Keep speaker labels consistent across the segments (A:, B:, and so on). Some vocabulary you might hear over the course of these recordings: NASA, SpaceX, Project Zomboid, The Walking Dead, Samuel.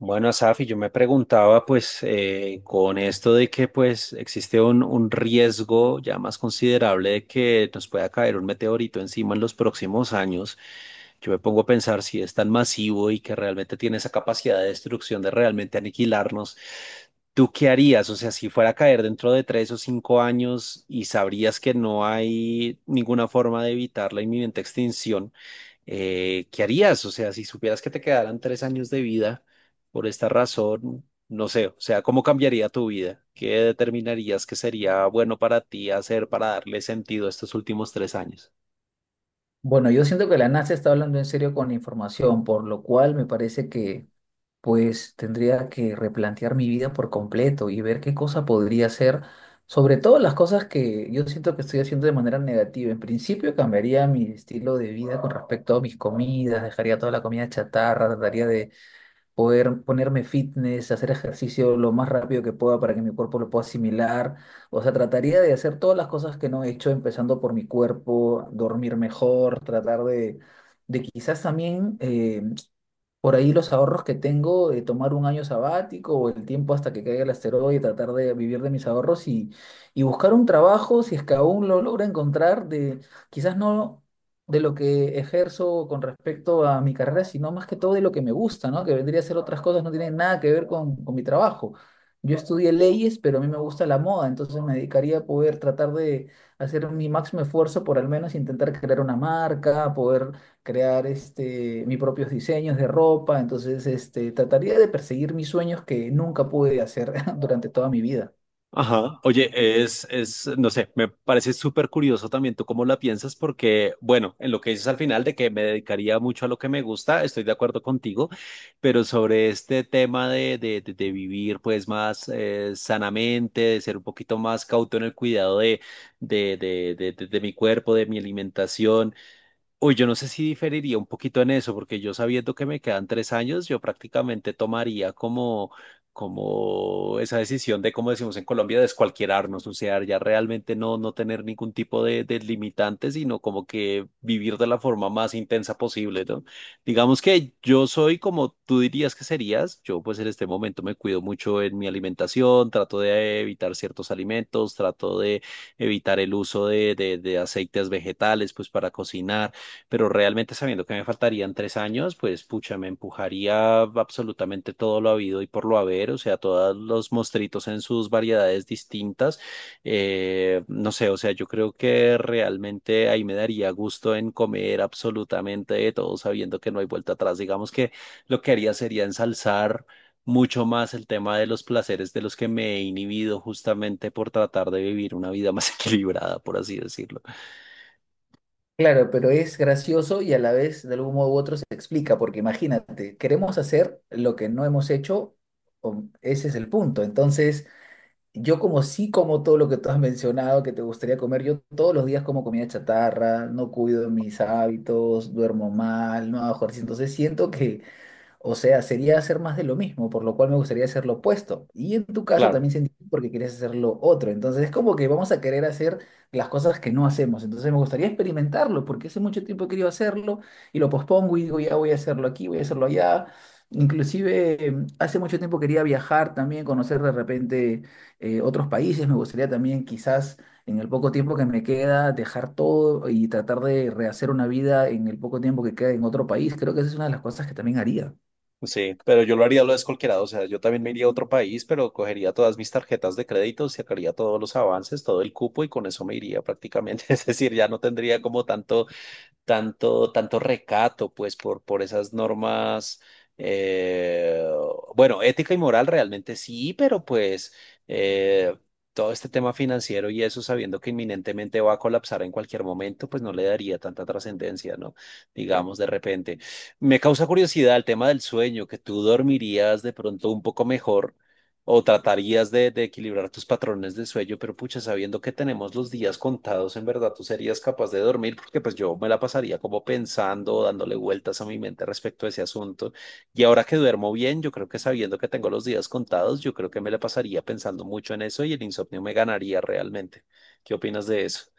A: Bueno, Safi, yo me preguntaba, pues, con esto de que, pues, existe un riesgo ya más considerable de que nos pueda caer un meteorito encima en los próximos años, yo me pongo a pensar si es tan masivo y que realmente tiene esa capacidad de destrucción de realmente aniquilarnos, ¿tú qué harías? O sea, si fuera a caer dentro de tres o cinco años y sabrías que no hay ninguna forma de evitar la inminente extinción ¿qué harías? O sea, si supieras que te quedaran tres años de vida por esta razón, no sé, o sea, ¿cómo cambiaría tu vida? ¿Qué determinarías que sería bueno para ti hacer para darle sentido a estos últimos tres años?
B: Bueno, yo siento que la NASA está hablando en serio con la información, por lo cual me parece que pues tendría que replantear mi vida por completo y ver qué cosa podría hacer, sobre todo las cosas que yo siento que estoy haciendo de manera negativa. En principio cambiaría mi estilo de vida con respecto a mis comidas, dejaría toda la comida chatarra, trataría poder ponerme fitness, hacer ejercicio lo más rápido que pueda para que mi cuerpo lo pueda asimilar. O sea, trataría de hacer todas las cosas que no he hecho, empezando por mi cuerpo, dormir mejor, tratar de quizás también por ahí los ahorros que tengo, tomar un año sabático o el tiempo hasta que caiga el asteroide, tratar de vivir de mis ahorros y buscar un trabajo, si es que aún lo logro encontrar, de, quizás no de lo que ejerzo con respecto a mi carrera, sino más que todo de lo que me gusta, ¿no? Que vendría a ser otras cosas, no tienen nada que ver con mi trabajo. Yo estudié leyes, pero a mí me gusta la moda, entonces me dedicaría a poder tratar de hacer mi máximo esfuerzo por al menos intentar crear una marca, poder crear este, mis propios diseños de ropa, entonces este, trataría de perseguir mis sueños que nunca pude hacer durante toda mi vida.
A: Ajá, oye, no sé, me parece súper curioso también tú cómo la piensas, porque, bueno, en lo que dices al final de que me dedicaría mucho a lo que me gusta, estoy de acuerdo contigo, pero sobre este tema de vivir pues más sanamente, de ser un poquito más cauto en el cuidado de mi cuerpo, de mi alimentación. Uy, yo no sé si diferiría un poquito en eso, porque yo sabiendo que me quedan tres años, yo prácticamente tomaría como, como esa decisión de, como decimos en Colombia, descualquierarnos, o sea, ya realmente no, no tener ningún tipo de limitante, sino como que vivir de la forma más intensa posible, ¿no? Digamos que yo soy como tú dirías que serías, yo pues en este momento me cuido mucho en mi alimentación, trato de evitar ciertos alimentos, trato de evitar el uso de aceites vegetales, pues para cocinar, pero realmente sabiendo que me faltarían tres años, pues pucha, me empujaría absolutamente todo lo habido y por lo haber, o sea, todos los mostritos en sus variedades distintas. No sé, o sea, yo creo que realmente ahí me daría gusto en comer absolutamente de todo, sabiendo que no hay vuelta atrás. Digamos que lo que haría sería ensalzar mucho más el tema de los placeres de los que me he inhibido justamente por tratar de vivir una vida más equilibrada, por así decirlo.
B: Claro, pero es gracioso y a la vez de algún modo u otro se explica, porque imagínate, queremos hacer lo que no hemos hecho, ese es el punto. Entonces, yo como sí como todo lo que tú has mencionado que te gustaría comer, yo todos los días como comida chatarra, no cuido mis hábitos, duermo mal, no hago ejercicio, entonces siento que o sea, sería hacer más de lo mismo, por lo cual me gustaría hacer lo opuesto. Y en tu caso
A: Claro,
B: también se entiende porque quieres hacer lo otro. Entonces es como que vamos a querer hacer las cosas que no hacemos. Entonces me gustaría experimentarlo porque hace mucho tiempo he querido hacerlo y lo pospongo y digo, ya voy a hacerlo aquí, voy a hacerlo allá. Inclusive hace mucho tiempo quería viajar también, conocer de repente otros países. Me gustaría también quizás en el poco tiempo que me queda, dejar todo y tratar de rehacer una vida en el poco tiempo que queda en otro país. Creo que esa es una de las cosas que también haría.
A: sí, pero yo lo haría lo descolquerado, o sea, yo también me iría a otro país, pero cogería todas mis tarjetas de crédito, sacaría todos los avances, todo el cupo y con eso me iría prácticamente, es decir, ya no tendría como tanto tanto recato, pues, por esas normas, eh, bueno, ética y moral realmente sí, pero pues eh, todo este tema financiero y eso, sabiendo que inminentemente va a colapsar en cualquier momento, pues no le daría tanta trascendencia, ¿no? Digamos, de repente. Me causa curiosidad el tema del sueño, que tú dormirías de pronto un poco mejor o tratarías de equilibrar tus patrones de sueño, pero pucha, sabiendo que tenemos los días contados, en verdad tú serías capaz de dormir, porque pues yo me la pasaría como pensando, dándole vueltas a mi mente respecto a ese asunto. Y ahora que duermo bien, yo creo que sabiendo que tengo los días contados, yo creo que me la pasaría pensando mucho en eso y el insomnio me ganaría realmente. ¿Qué opinas de eso?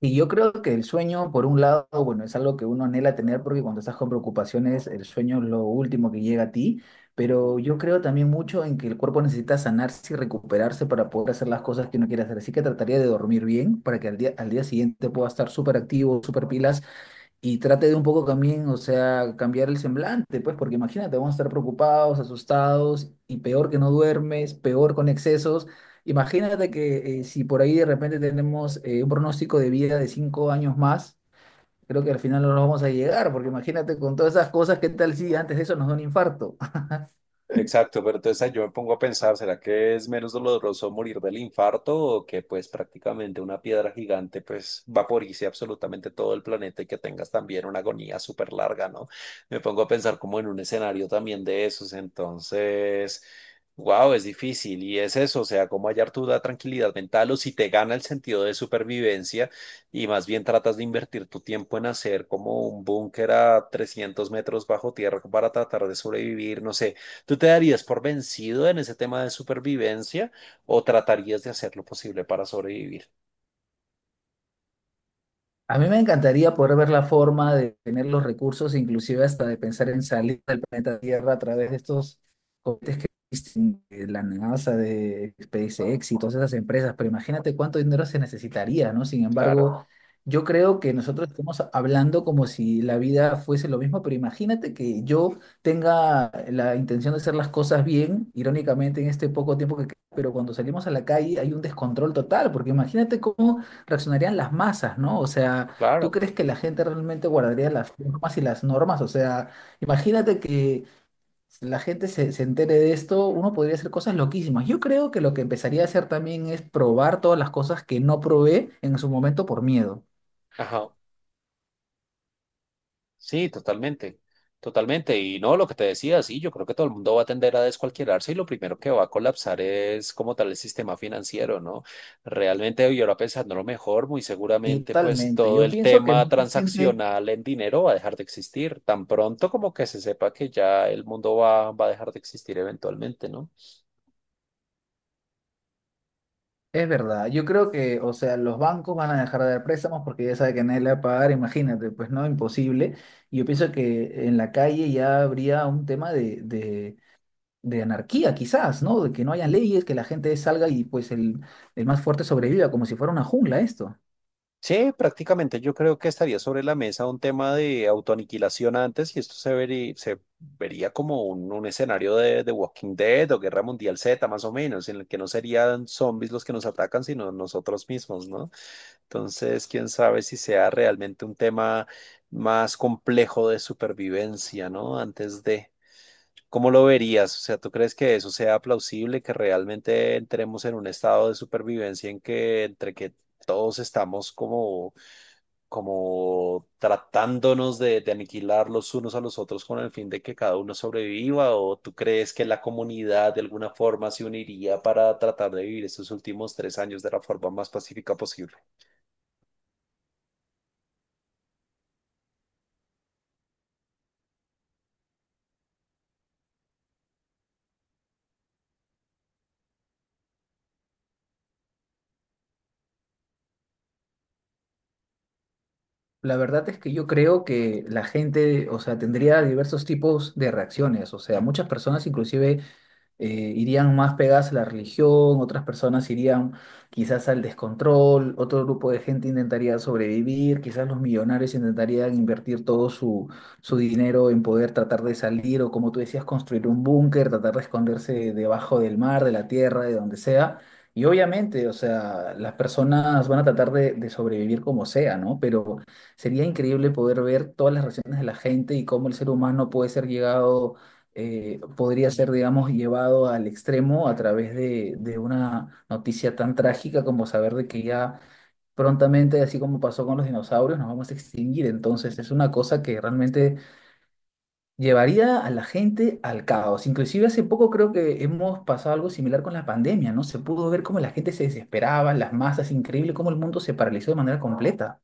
B: Y yo creo que el sueño, por un lado, bueno, es algo que uno anhela tener porque cuando estás con preocupaciones, el sueño es lo último que llega a ti, pero
A: Ujú.
B: yo creo también mucho en que el cuerpo necesita sanarse y recuperarse para poder hacer las cosas que uno quiere hacer. Así que trataría de dormir bien para que al día siguiente pueda estar súper activo, súper pilas y trate de un poco también, o sea, cambiar el semblante, pues, porque imagínate, vamos a estar preocupados, asustados, y peor que no duermes, peor con excesos. Imagínate que si por ahí de repente tenemos un pronóstico de vida de 5 años más, creo que al final no nos vamos a llegar, porque imagínate con todas esas cosas, ¿qué tal si antes de eso nos da un infarto?
A: Exacto, pero entonces ahí yo me pongo a pensar, ¿será que es menos doloroso morir del infarto o que pues prácticamente una piedra gigante pues vaporice absolutamente todo el planeta y que tengas también una agonía súper larga, ¿no? Me pongo a pensar como en un escenario también de esos, entonces, wow, es difícil y es eso, o sea, cómo hallar tu tranquilidad mental o si te gana el sentido de supervivencia y más bien tratas de invertir tu tiempo en hacer como un búnker a 300 metros bajo tierra para tratar de sobrevivir, no sé. ¿Tú te darías por vencido en ese tema de supervivencia o tratarías de hacer lo posible para sobrevivir?
B: A mí me encantaría poder ver la forma de tener los recursos, inclusive hasta de pensar en salir del planeta Tierra a través de estos cohetes que existen de la NASA, de SpaceX y todas esas empresas, pero imagínate cuánto dinero se necesitaría, ¿no? Sin
A: Claro,
B: embargo, yo creo que nosotros estamos hablando como si la vida fuese lo mismo, pero imagínate que yo tenga la intención de hacer las cosas bien, irónicamente en este poco tiempo que queda, pero cuando salimos a la calle hay un descontrol total, porque imagínate cómo reaccionarían las masas, ¿no? O sea, ¿tú
A: claro.
B: crees que la gente realmente guardaría las normas y las normas? O sea, imagínate que la gente se entere de esto, uno podría hacer cosas loquísimas. Yo creo que lo que empezaría a hacer también es probar todas las cosas que no probé en su momento por miedo.
A: Ajá. Sí, totalmente. Totalmente. Y no, lo que te decía, sí, yo creo que todo el mundo va a tender a descualquierarse y lo primero que va a colapsar es como tal el sistema financiero, ¿no? Realmente yo ahora pensando lo mejor, muy
B: Y
A: seguramente pues
B: totalmente.
A: todo
B: Yo
A: el
B: pienso que
A: tema
B: mucha gente...
A: transaccional en dinero va a dejar de existir tan pronto como que se sepa que ya el mundo va, va a dejar de existir eventualmente, ¿no?
B: Es verdad, yo creo que, o sea, los bancos van a dejar de dar préstamos porque ya sabe que nadie le va a pagar, imagínate, pues no, imposible. Y yo pienso que en la calle ya habría un tema de anarquía quizás, ¿no? De que no haya leyes, que la gente salga y pues el más fuerte sobreviva, como si fuera una jungla esto.
A: Sí, prácticamente yo creo que estaría sobre la mesa un tema de autoaniquilación antes y esto se vería como un escenario de Walking Dead o Guerra Mundial Z, más o menos, en el que no serían zombies los que nos atacan, sino nosotros mismos, ¿no? Entonces, quién sabe si sea realmente un tema más complejo de supervivencia, ¿no? Antes de... ¿Cómo lo verías? O sea, ¿tú crees que eso sea plausible, que realmente entremos en un estado de supervivencia en que entre que todos estamos como, como tratándonos de aniquilar los unos a los otros con el fin de que cada uno sobreviva? ¿O tú crees que la comunidad de alguna forma se uniría para tratar de vivir estos últimos tres años de la forma más pacífica posible?
B: La verdad es que yo creo que la gente, o sea, tendría diversos tipos de reacciones, o sea, muchas personas inclusive eh, irían más pegadas a la religión, otras personas irían quizás al descontrol, otro grupo de gente intentaría sobrevivir, quizás los millonarios intentarían invertir todo su, su dinero en poder tratar de salir o como tú decías, construir un búnker, tratar de esconderse debajo del mar, de la tierra, de donde sea. Y obviamente, o sea, las personas van a tratar de sobrevivir como sea, ¿no? Pero sería increíble poder ver todas las reacciones de la gente y cómo el ser humano puede ser llegado podría ser, digamos, llevado al extremo a través de una noticia tan trágica como saber de que ya prontamente, así como pasó con los dinosaurios, nos vamos a extinguir. Entonces es una cosa que realmente llevaría a la gente al caos. Inclusive hace poco creo que hemos pasado algo similar con la pandemia, ¿no? Se pudo ver cómo la gente se desesperaba, las masas, increíble cómo el mundo se paralizó de manera completa.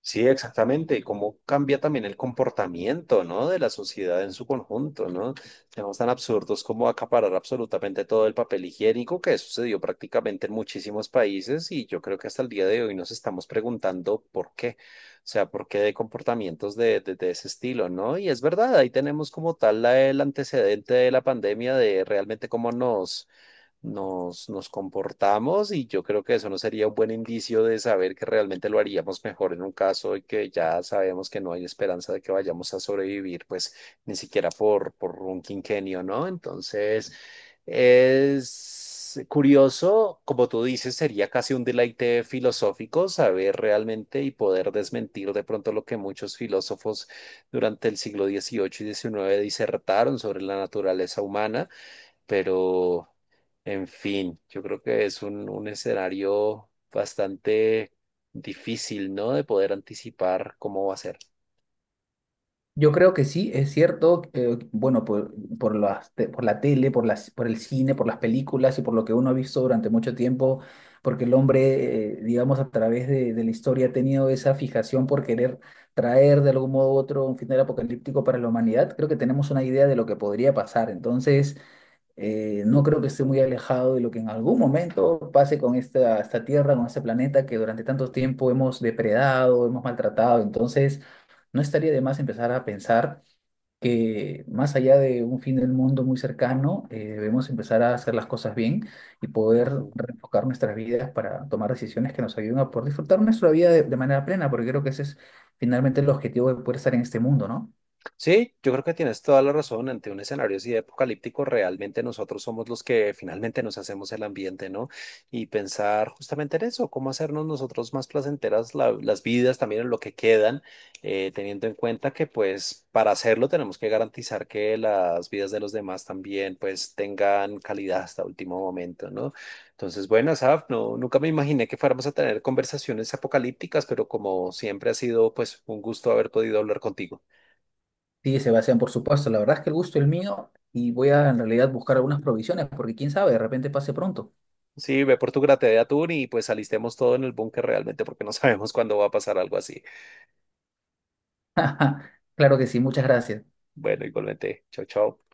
A: Sí, exactamente. Y cómo cambia también el comportamiento, ¿no? De la sociedad en su conjunto, ¿no? Temas tan absurdos como acaparar absolutamente todo el papel higiénico que sucedió prácticamente en muchísimos países y yo creo que hasta el día de hoy nos estamos preguntando por qué. O sea, por qué de comportamientos de ese estilo, ¿no? Y es verdad, ahí tenemos como tal el antecedente de la pandemia de realmente cómo nos nos comportamos y yo creo que eso no sería un buen indicio de saber que realmente lo haríamos mejor en un caso y que ya sabemos que no hay esperanza de que vayamos a sobrevivir, pues ni siquiera por un quinquenio, ¿no? Entonces, es curioso, como tú dices, sería casi un deleite filosófico saber realmente y poder desmentir de pronto lo que muchos filósofos durante el siglo XVIII y XIX disertaron sobre la naturaleza humana, pero... En fin, yo creo que es un escenario bastante difícil, ¿no? De poder anticipar cómo va a ser.
B: Yo creo que sí, es cierto, bueno, por, por la tele, por las, por el cine, por las películas y por lo que uno ha visto durante mucho tiempo, porque el hombre, digamos, a través de la historia ha tenido esa fijación por querer traer de algún modo u otro un final apocalíptico para la humanidad, creo que tenemos una idea de lo que podría pasar. Entonces, no creo que esté muy alejado de lo que en algún momento pase con esta, esta Tierra, con este planeta que durante tanto tiempo hemos depredado, hemos maltratado. Entonces, no estaría de más empezar a pensar que más allá de un fin del mundo muy cercano, debemos empezar a hacer las cosas bien y poder
A: Ujú.
B: reenfocar nuestras vidas para tomar decisiones que nos ayuden a poder disfrutar nuestra vida de manera plena, porque creo que ese es finalmente el objetivo de poder estar en este mundo, ¿no?
A: Sí, yo creo que tienes toda la razón. Ante un escenario así de apocalíptico, realmente nosotros somos los que finalmente nos hacemos el ambiente, ¿no? Y pensar justamente en eso, cómo hacernos nosotros más placenteras las vidas, también en lo que quedan, teniendo en cuenta que pues para hacerlo tenemos que garantizar que las vidas de los demás también pues tengan calidad hasta último momento, ¿no? Entonces, bueno, Asaf, no, nunca me imaginé que fuéramos a tener conversaciones apocalípticas, pero como siempre ha sido pues un gusto haber podido hablar contigo.
B: Sí, Sebastián, por supuesto, la verdad es que el gusto es mío y voy a en realidad buscar algunas provisiones, porque quién sabe, de repente pase pronto.
A: Sí, ve por tu grate de atún y pues alistemos todo en el búnker realmente porque no sabemos cuándo va a pasar algo así.
B: Claro que sí, muchas gracias.
A: Bueno, igualmente, chao, chao.